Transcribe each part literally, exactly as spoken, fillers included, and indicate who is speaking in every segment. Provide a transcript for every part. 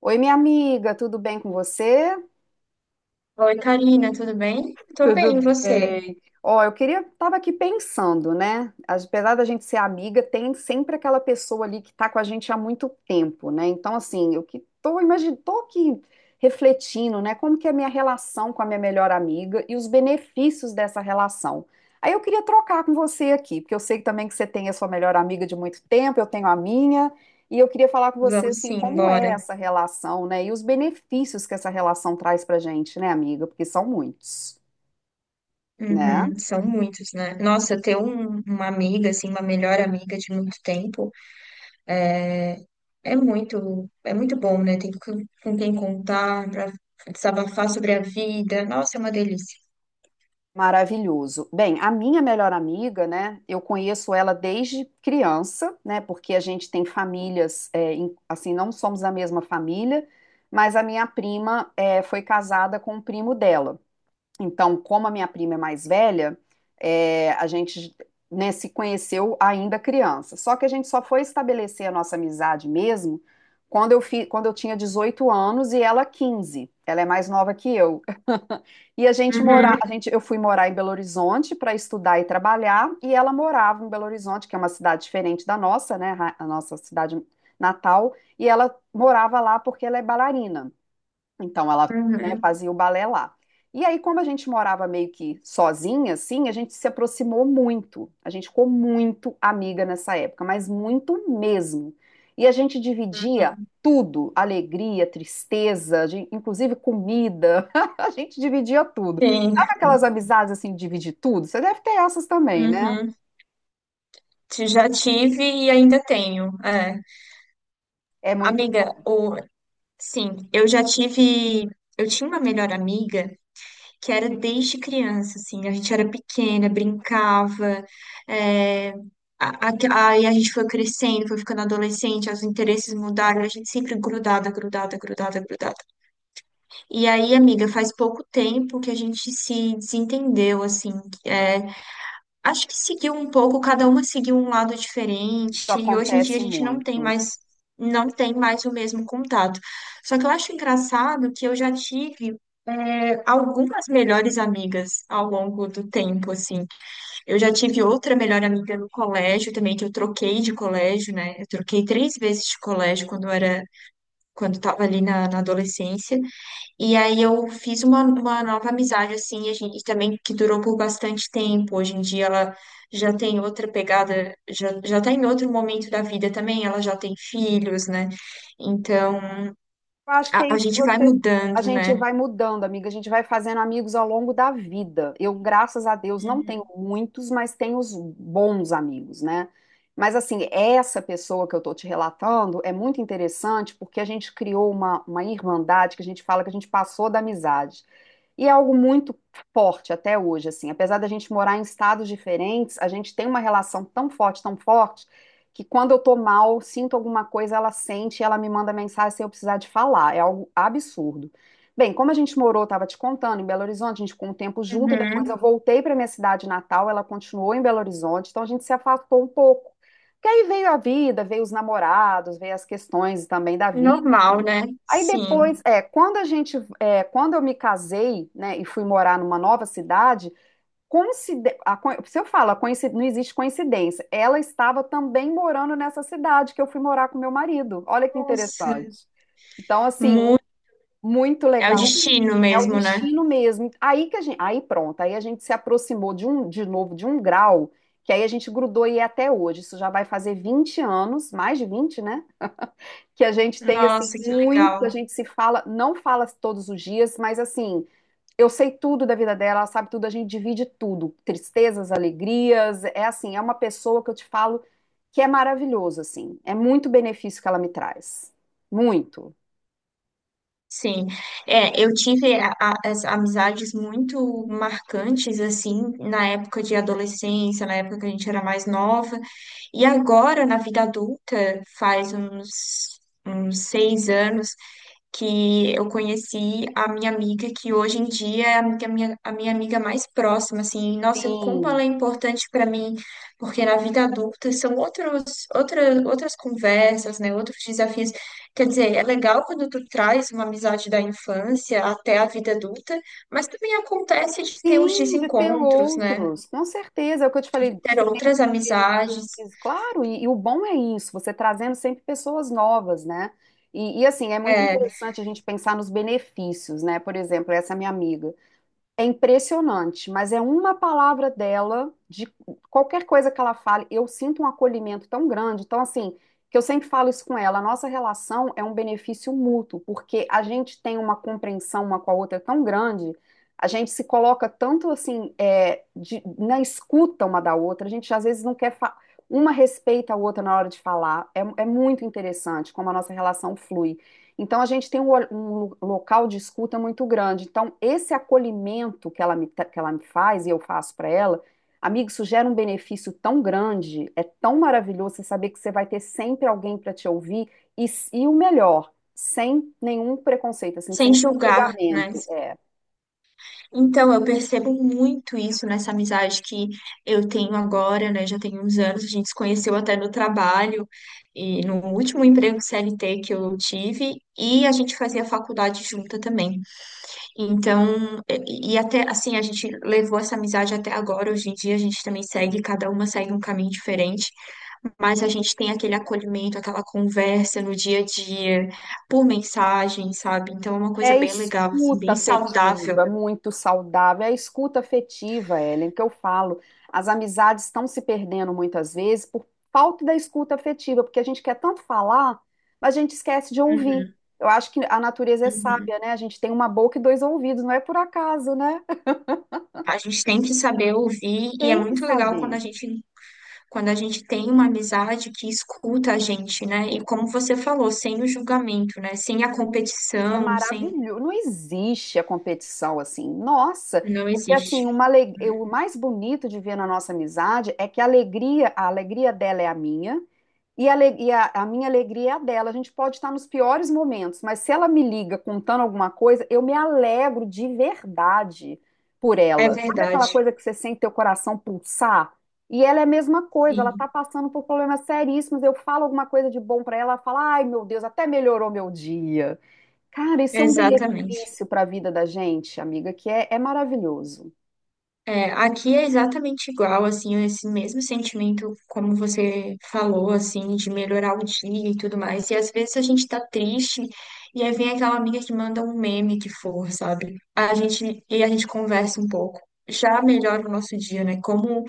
Speaker 1: Oi, minha amiga, tudo bem com você?
Speaker 2: Oi, Karina, tudo bem? Tô
Speaker 1: Tudo
Speaker 2: bem, e você?
Speaker 1: bem. Ó, eu queria, tava aqui pensando, né? Apesar da gente ser amiga, tem sempre aquela pessoa ali que tá com a gente há muito tempo, né? Então, assim, eu que tô, imagin... tô aqui refletindo, né? Como que é a minha relação com a minha melhor amiga e os benefícios dessa relação. Aí eu queria trocar com você aqui, porque eu sei também que você tem a sua melhor amiga de muito tempo, eu tenho a minha, e eu queria falar com você,
Speaker 2: Vamos
Speaker 1: assim,
Speaker 2: sim,
Speaker 1: como é
Speaker 2: bora.
Speaker 1: essa relação, né? E os benefícios que essa relação traz pra gente, né, amiga? Porque são muitos. Né?
Speaker 2: Uhum, são muitos, né? Nossa, ter um- uma amiga, assim, uma melhor amiga de muito tempo é, é muito, é muito bom, né? Tem com com quem contar, pra desabafar sobre a vida. Nossa, é uma delícia.
Speaker 1: Maravilhoso. Bem, a minha melhor amiga, né? Eu conheço ela desde criança, né? Porque a gente tem famílias, é, em- assim, não somos da mesma família, mas a minha prima é, foi casada com o primo dela. Então, como a minha prima é mais velha, é, a gente, né, se conheceu ainda criança. Só que a gente só foi estabelecer a nossa amizade mesmo quando eu, fi, quando eu tinha dezoito anos e ela quinze. Ela é mais nova que eu. E a gente morar,
Speaker 2: Uhum,
Speaker 1: a gente, eu fui morar em Belo Horizonte para estudar e trabalhar, e ela morava em Belo Horizonte, que é uma cidade diferente da nossa, né, a nossa cidade natal, e ela morava lá porque ela é bailarina. Então ela, né,
Speaker 2: uhum.
Speaker 1: fazia o balé lá. E aí, como a gente morava meio que sozinha, assim, a gente se aproximou muito. A gente ficou muito amiga nessa época, mas muito mesmo. E a gente dividia
Speaker 2: Uhum.
Speaker 1: tudo, alegria, tristeza, de- inclusive comida. A gente dividia tudo.
Speaker 2: Sim.
Speaker 1: Sabe aquelas amizades assim, de dividir tudo? Você deve ter essas também, né?
Speaker 2: Uhum. Te- Já tive e ainda tenho. É.
Speaker 1: É muito
Speaker 2: Amiga,
Speaker 1: bom,
Speaker 2: o... sim, eu já tive. Eu tinha uma melhor amiga que era desde criança, assim, a gente era pequena, brincava, é, a- a- aí a gente foi crescendo, foi ficando adolescente, os interesses mudaram, a gente sempre grudada, grudada, grudada, grudada. E aí, amiga, faz pouco tempo que a gente se desentendeu, assim, é, acho que seguiu um pouco, cada uma seguiu um lado
Speaker 1: isso
Speaker 2: diferente, e hoje em dia a
Speaker 1: acontece
Speaker 2: gente não tem
Speaker 1: muito.
Speaker 2: mais, não tem mais o mesmo contato. Só que eu acho engraçado que eu já tive é, algumas melhores amigas ao longo do tempo, assim. Eu já tive outra melhor amiga no colégio também, que eu troquei de colégio, né? Eu troquei três vezes de colégio quando eu era, quando estava ali na, na adolescência. E aí eu fiz uma, uma nova amizade, assim, e a gente também, que durou por bastante tempo. Hoje em dia ela já tem outra pegada, já, já tá em outro momento da vida também, ela já tem filhos, né? Então,
Speaker 1: Eu acho que é
Speaker 2: a, a
Speaker 1: isso que
Speaker 2: gente vai
Speaker 1: você. A
Speaker 2: mudando,
Speaker 1: gente
Speaker 2: né?
Speaker 1: vai mudando, amiga. A gente vai fazendo amigos ao longo da vida. Eu, graças a Deus, não tenho muitos, mas tenho os bons amigos, né? Mas, assim, essa pessoa que eu tô te relatando é muito interessante porque a gente criou uma, uma irmandade que a gente fala que a gente passou da amizade. E é algo muito forte até hoje, assim. Apesar da gente morar em estados diferentes, a gente tem uma relação tão forte, tão forte que quando eu tô mal, sinto alguma coisa, ela sente, e ela me manda mensagem sem eu precisar de falar. É algo absurdo. Bem, como a gente morou, estava te contando, em Belo Horizonte, a gente ficou um tempo junto, depois eu
Speaker 2: Uhum.
Speaker 1: voltei para minha cidade natal, ela continuou em Belo Horizonte, então a gente se afastou um pouco. Porque aí veio a vida, veio os namorados, veio as questões também da vida.
Speaker 2: Normal, né?
Speaker 1: Aí
Speaker 2: Sim.
Speaker 1: depois, é, quando a gente, é, quando eu me casei, né, e fui morar numa nova cidade. Coincide- a coi- Se eu falo, a coinci- não existe coincidência. Ela estava também morando nessa cidade que eu fui morar com meu marido. Olha que
Speaker 2: Nossa,
Speaker 1: interessante. Então, assim,
Speaker 2: muito.
Speaker 1: muito
Speaker 2: É o
Speaker 1: legal.
Speaker 2: destino
Speaker 1: É o
Speaker 2: mesmo, né?
Speaker 1: destino mesmo. Aí que a gente, aí pronto, aí a gente se aproximou de um, de novo, de um grau, que aí a gente grudou e é até hoje. Isso já vai fazer vinte anos, mais de vinte, né? Que a gente tem assim
Speaker 2: Nossa, que
Speaker 1: muito, a
Speaker 2: legal.
Speaker 1: gente se fala, não fala todos os dias, mas assim, eu sei tudo da vida dela, ela sabe tudo, a gente divide tudo, tristezas, alegrias, é assim, é uma pessoa que eu te falo que é maravilhoso, assim, é muito benefício que ela me traz, muito.
Speaker 2: Sim, é, eu tive a- a- as amizades muito marcantes, assim, na época de adolescência, na época que a gente era mais nova, e agora, na vida adulta, faz uns, uns seis anos, que eu conheci a minha amiga, que hoje em dia é a amiga- minha, a minha amiga mais próxima, assim, nossa, como ela
Speaker 1: Sim,
Speaker 2: é importante para mim, porque na vida adulta são outros, outra, outras conversas, né, outros desafios. Quer dizer, é legal quando tu traz uma amizade da infância até a vida adulta, mas também acontece de ter os
Speaker 1: sim, de ter
Speaker 2: desencontros, né,
Speaker 1: outros, com certeza, é o que eu te falei,
Speaker 2: ter
Speaker 1: diferentes
Speaker 2: outras amizades,
Speaker 1: interesses, claro, e, e o bom é isso, você trazendo sempre pessoas novas, né? E, e assim, é muito
Speaker 2: é,
Speaker 1: interessante a gente pensar nos benefícios, né? Por exemplo, essa minha amiga. É impressionante, mas é uma palavra dela, de qualquer coisa que ela fale, eu sinto um acolhimento tão grande. Então, assim, que eu sempre falo isso com ela, a nossa relação é um benefício mútuo, porque a gente tem uma compreensão uma com a outra tão grande, a gente se coloca tanto assim, é, de- na escuta uma da outra, a gente às vezes não quer, fa- uma respeita a outra na hora de falar. É, é muito interessante como a nossa relação flui. Então, a gente tem um, um local de escuta muito grande. Então, esse acolhimento que ela me, que ela me faz e eu faço para ela, amigo, isso gera um benefício tão grande, é tão maravilhoso você saber que você vai ter sempre alguém para te ouvir e, e o melhor, sem nenhum preconceito, assim,
Speaker 2: sem
Speaker 1: sem
Speaker 2: julgar, né?
Speaker 1: julgamento. É.
Speaker 2: Então, eu percebo muito isso nessa amizade que eu tenho agora, né? Já tem uns anos, a gente se conheceu até no trabalho e no último emprego C L T que eu tive, e a gente fazia faculdade junta também. Então, e e até assim, a gente levou essa amizade até agora. Hoje em dia, a gente também segue, cada uma segue um caminho diferente. Mas a gente tem aquele acolhimento, aquela conversa no dia a dia, por mensagem, sabe? Então é uma
Speaker 1: É
Speaker 2: coisa
Speaker 1: a
Speaker 2: bem legal, assim,
Speaker 1: escuta
Speaker 2: bem saudável.
Speaker 1: afetiva, muito saudável. É a escuta afetiva, Ellen, que eu falo. As amizades estão se perdendo muitas vezes por falta da escuta afetiva, porque a gente quer tanto falar, mas a gente esquece de ouvir. Eu acho que a natureza é
Speaker 2: Uhum.
Speaker 1: sábia, né? A gente tem uma boca e dois ouvidos, não é por acaso, né?
Speaker 2: A gente tem que saber ouvir, e é
Speaker 1: Tem que
Speaker 2: muito legal quando a
Speaker 1: saber.
Speaker 2: gente, quando a gente tem uma amizade que escuta a gente, né? E como você falou, sem o julgamento, né? Sem a
Speaker 1: É
Speaker 2: competição, sem.
Speaker 1: maravilhoso. Não existe a competição assim. Nossa,
Speaker 2: Não
Speaker 1: porque assim,
Speaker 2: existe.
Speaker 1: uma ale- o mais bonito de ver na nossa amizade é que a alegria, a alegria dela é a minha e, a, ale- e a- a minha alegria é a dela. A gente pode estar nos piores momentos, mas se ela me liga contando alguma coisa, eu me alegro de verdade por
Speaker 2: É
Speaker 1: ela. Sabe aquela
Speaker 2: verdade.
Speaker 1: coisa que você sente teu coração pulsar? E ela é a mesma coisa, ela
Speaker 2: Sim,
Speaker 1: está passando por problemas seríssimos. Eu falo alguma coisa de bom para ela, ela fala: ai meu Deus, até melhorou meu dia. Cara, isso é um
Speaker 2: exatamente.
Speaker 1: benefício para a vida da gente, amiga, que é é maravilhoso.
Speaker 2: É, aqui é exatamente igual, assim, esse mesmo sentimento, como você falou, assim, de melhorar o dia e tudo mais. E às vezes a gente tá triste e aí vem aquela amiga que manda um meme que for, sabe? A gente, e a gente conversa um pouco. Já melhora o nosso dia, né? Como,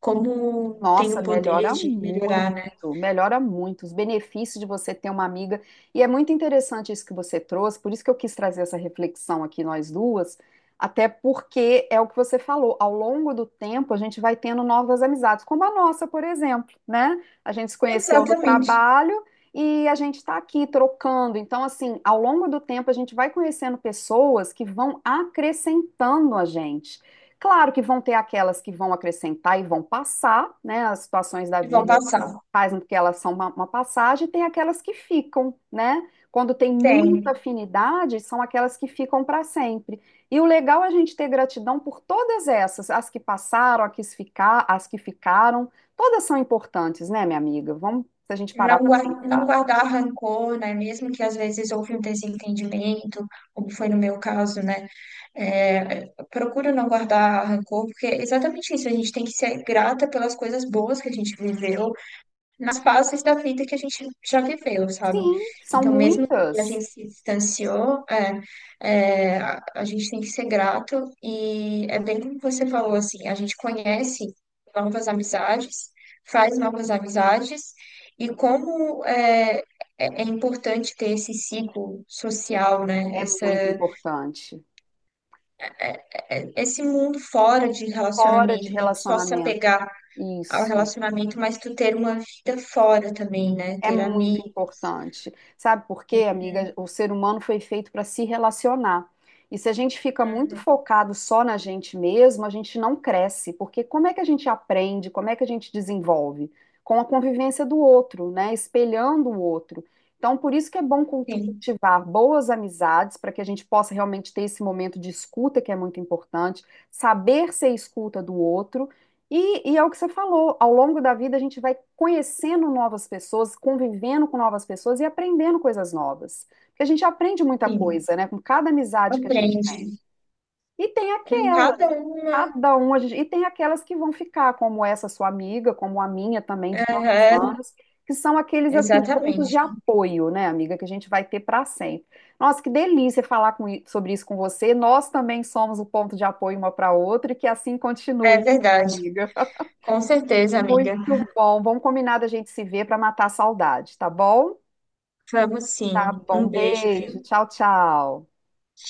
Speaker 2: como tem
Speaker 1: Nossa,
Speaker 2: o poder
Speaker 1: melhora
Speaker 2: de
Speaker 1: muito,
Speaker 2: melhorar, né?
Speaker 1: melhora muito os benefícios de você ter uma amiga. E é muito interessante isso que você trouxe, por isso que eu quis trazer essa reflexão aqui nós duas, até porque é o que você falou, ao longo do tempo a gente vai tendo novas amizades, como a nossa, por exemplo, né? A gente se conheceu no
Speaker 2: Exatamente.
Speaker 1: trabalho e a gente está aqui trocando. Então, assim, ao longo do tempo a gente vai conhecendo pessoas que vão acrescentando a gente. Claro que vão ter aquelas que vão acrescentar e vão passar, né? As situações da
Speaker 2: E vão
Speaker 1: vida
Speaker 2: passar.
Speaker 1: fazem com que elas são uma, uma passagem, e tem aquelas que ficam, né? Quando tem muita
Speaker 2: Tem.
Speaker 1: afinidade, são aquelas que ficam para sempre. E o legal é a gente ter gratidão por todas essas, as que passaram, as que ficar, as que ficaram, todas são importantes, né, minha amiga? Vamos, se a gente
Speaker 2: Não
Speaker 1: parar para
Speaker 2: guardar, não
Speaker 1: pensar.
Speaker 2: guardar rancor, né? Mesmo que às vezes houve um desentendimento, como foi no meu caso, né? É, procuro não guardar rancor, porque é exatamente isso, a gente tem que ser grata pelas coisas boas que a gente viveu, nas fases da vida que a gente já viveu, sabe?
Speaker 1: Sim, são
Speaker 2: Então, mesmo que a
Speaker 1: muitas.
Speaker 2: gente se distanciou, é, é, a, a gente tem que ser grato, e é bem como você falou, assim, a gente conhece novas amizades, faz novas amizades, e como é, é é importante ter esse ciclo social, né?
Speaker 1: É
Speaker 2: Essa
Speaker 1: muito importante.
Speaker 2: é, esse mundo fora de
Speaker 1: Fora de
Speaker 2: relacionamento, não só se
Speaker 1: relacionamento.
Speaker 2: apegar ao
Speaker 1: Isso.
Speaker 2: relacionamento, mas tu ter uma vida fora também, né?
Speaker 1: É
Speaker 2: Ter
Speaker 1: muito
Speaker 2: amigos.
Speaker 1: importante. Sabe por quê, amiga?
Speaker 2: Uhum,
Speaker 1: O ser humano foi feito para se relacionar. E se a gente fica muito
Speaker 2: uhum.
Speaker 1: focado só na gente mesmo, a gente não cresce, porque como é que a gente aprende, como é que a gente desenvolve? Com a convivência do outro, né? Espelhando o outro. Então, por isso que é bom culti-
Speaker 2: Sim,
Speaker 1: cultivar boas amizades, para que a gente possa realmente ter esse momento de escuta, que é muito importante, saber ser escuta do outro e, e é o que você falou, ao longo da vida a gente vai conhecendo novas pessoas, convivendo com novas pessoas e aprendendo coisas novas. Porque a gente aprende muita
Speaker 2: sim.
Speaker 1: coisa, né, com cada amizade que a gente
Speaker 2: Aprende
Speaker 1: tem. E tem
Speaker 2: com
Speaker 1: aquelas,
Speaker 2: cada uma.
Speaker 1: cada um, a gente, e tem aquelas que vão ficar, como essa sua amiga, como a minha também, de tantos
Speaker 2: Aham,
Speaker 1: anos, que são aqueles, assim, pontos de
Speaker 2: exatamente.
Speaker 1: apoio, né, amiga, que a gente vai ter para sempre. Nossa, que delícia falar com i- sobre isso com você. Nós também somos o ponto de apoio uma para outra e que assim
Speaker 2: É
Speaker 1: continue,
Speaker 2: verdade.
Speaker 1: amiga.
Speaker 2: Com certeza, amiga.
Speaker 1: Muito bom. Vamos combinar da gente se ver para matar a saudade, tá bom?
Speaker 2: Vamos
Speaker 1: Tá
Speaker 2: sim.
Speaker 1: bom.
Speaker 2: Um beijo,
Speaker 1: Beijo.
Speaker 2: viu?
Speaker 1: Tchau, tchau.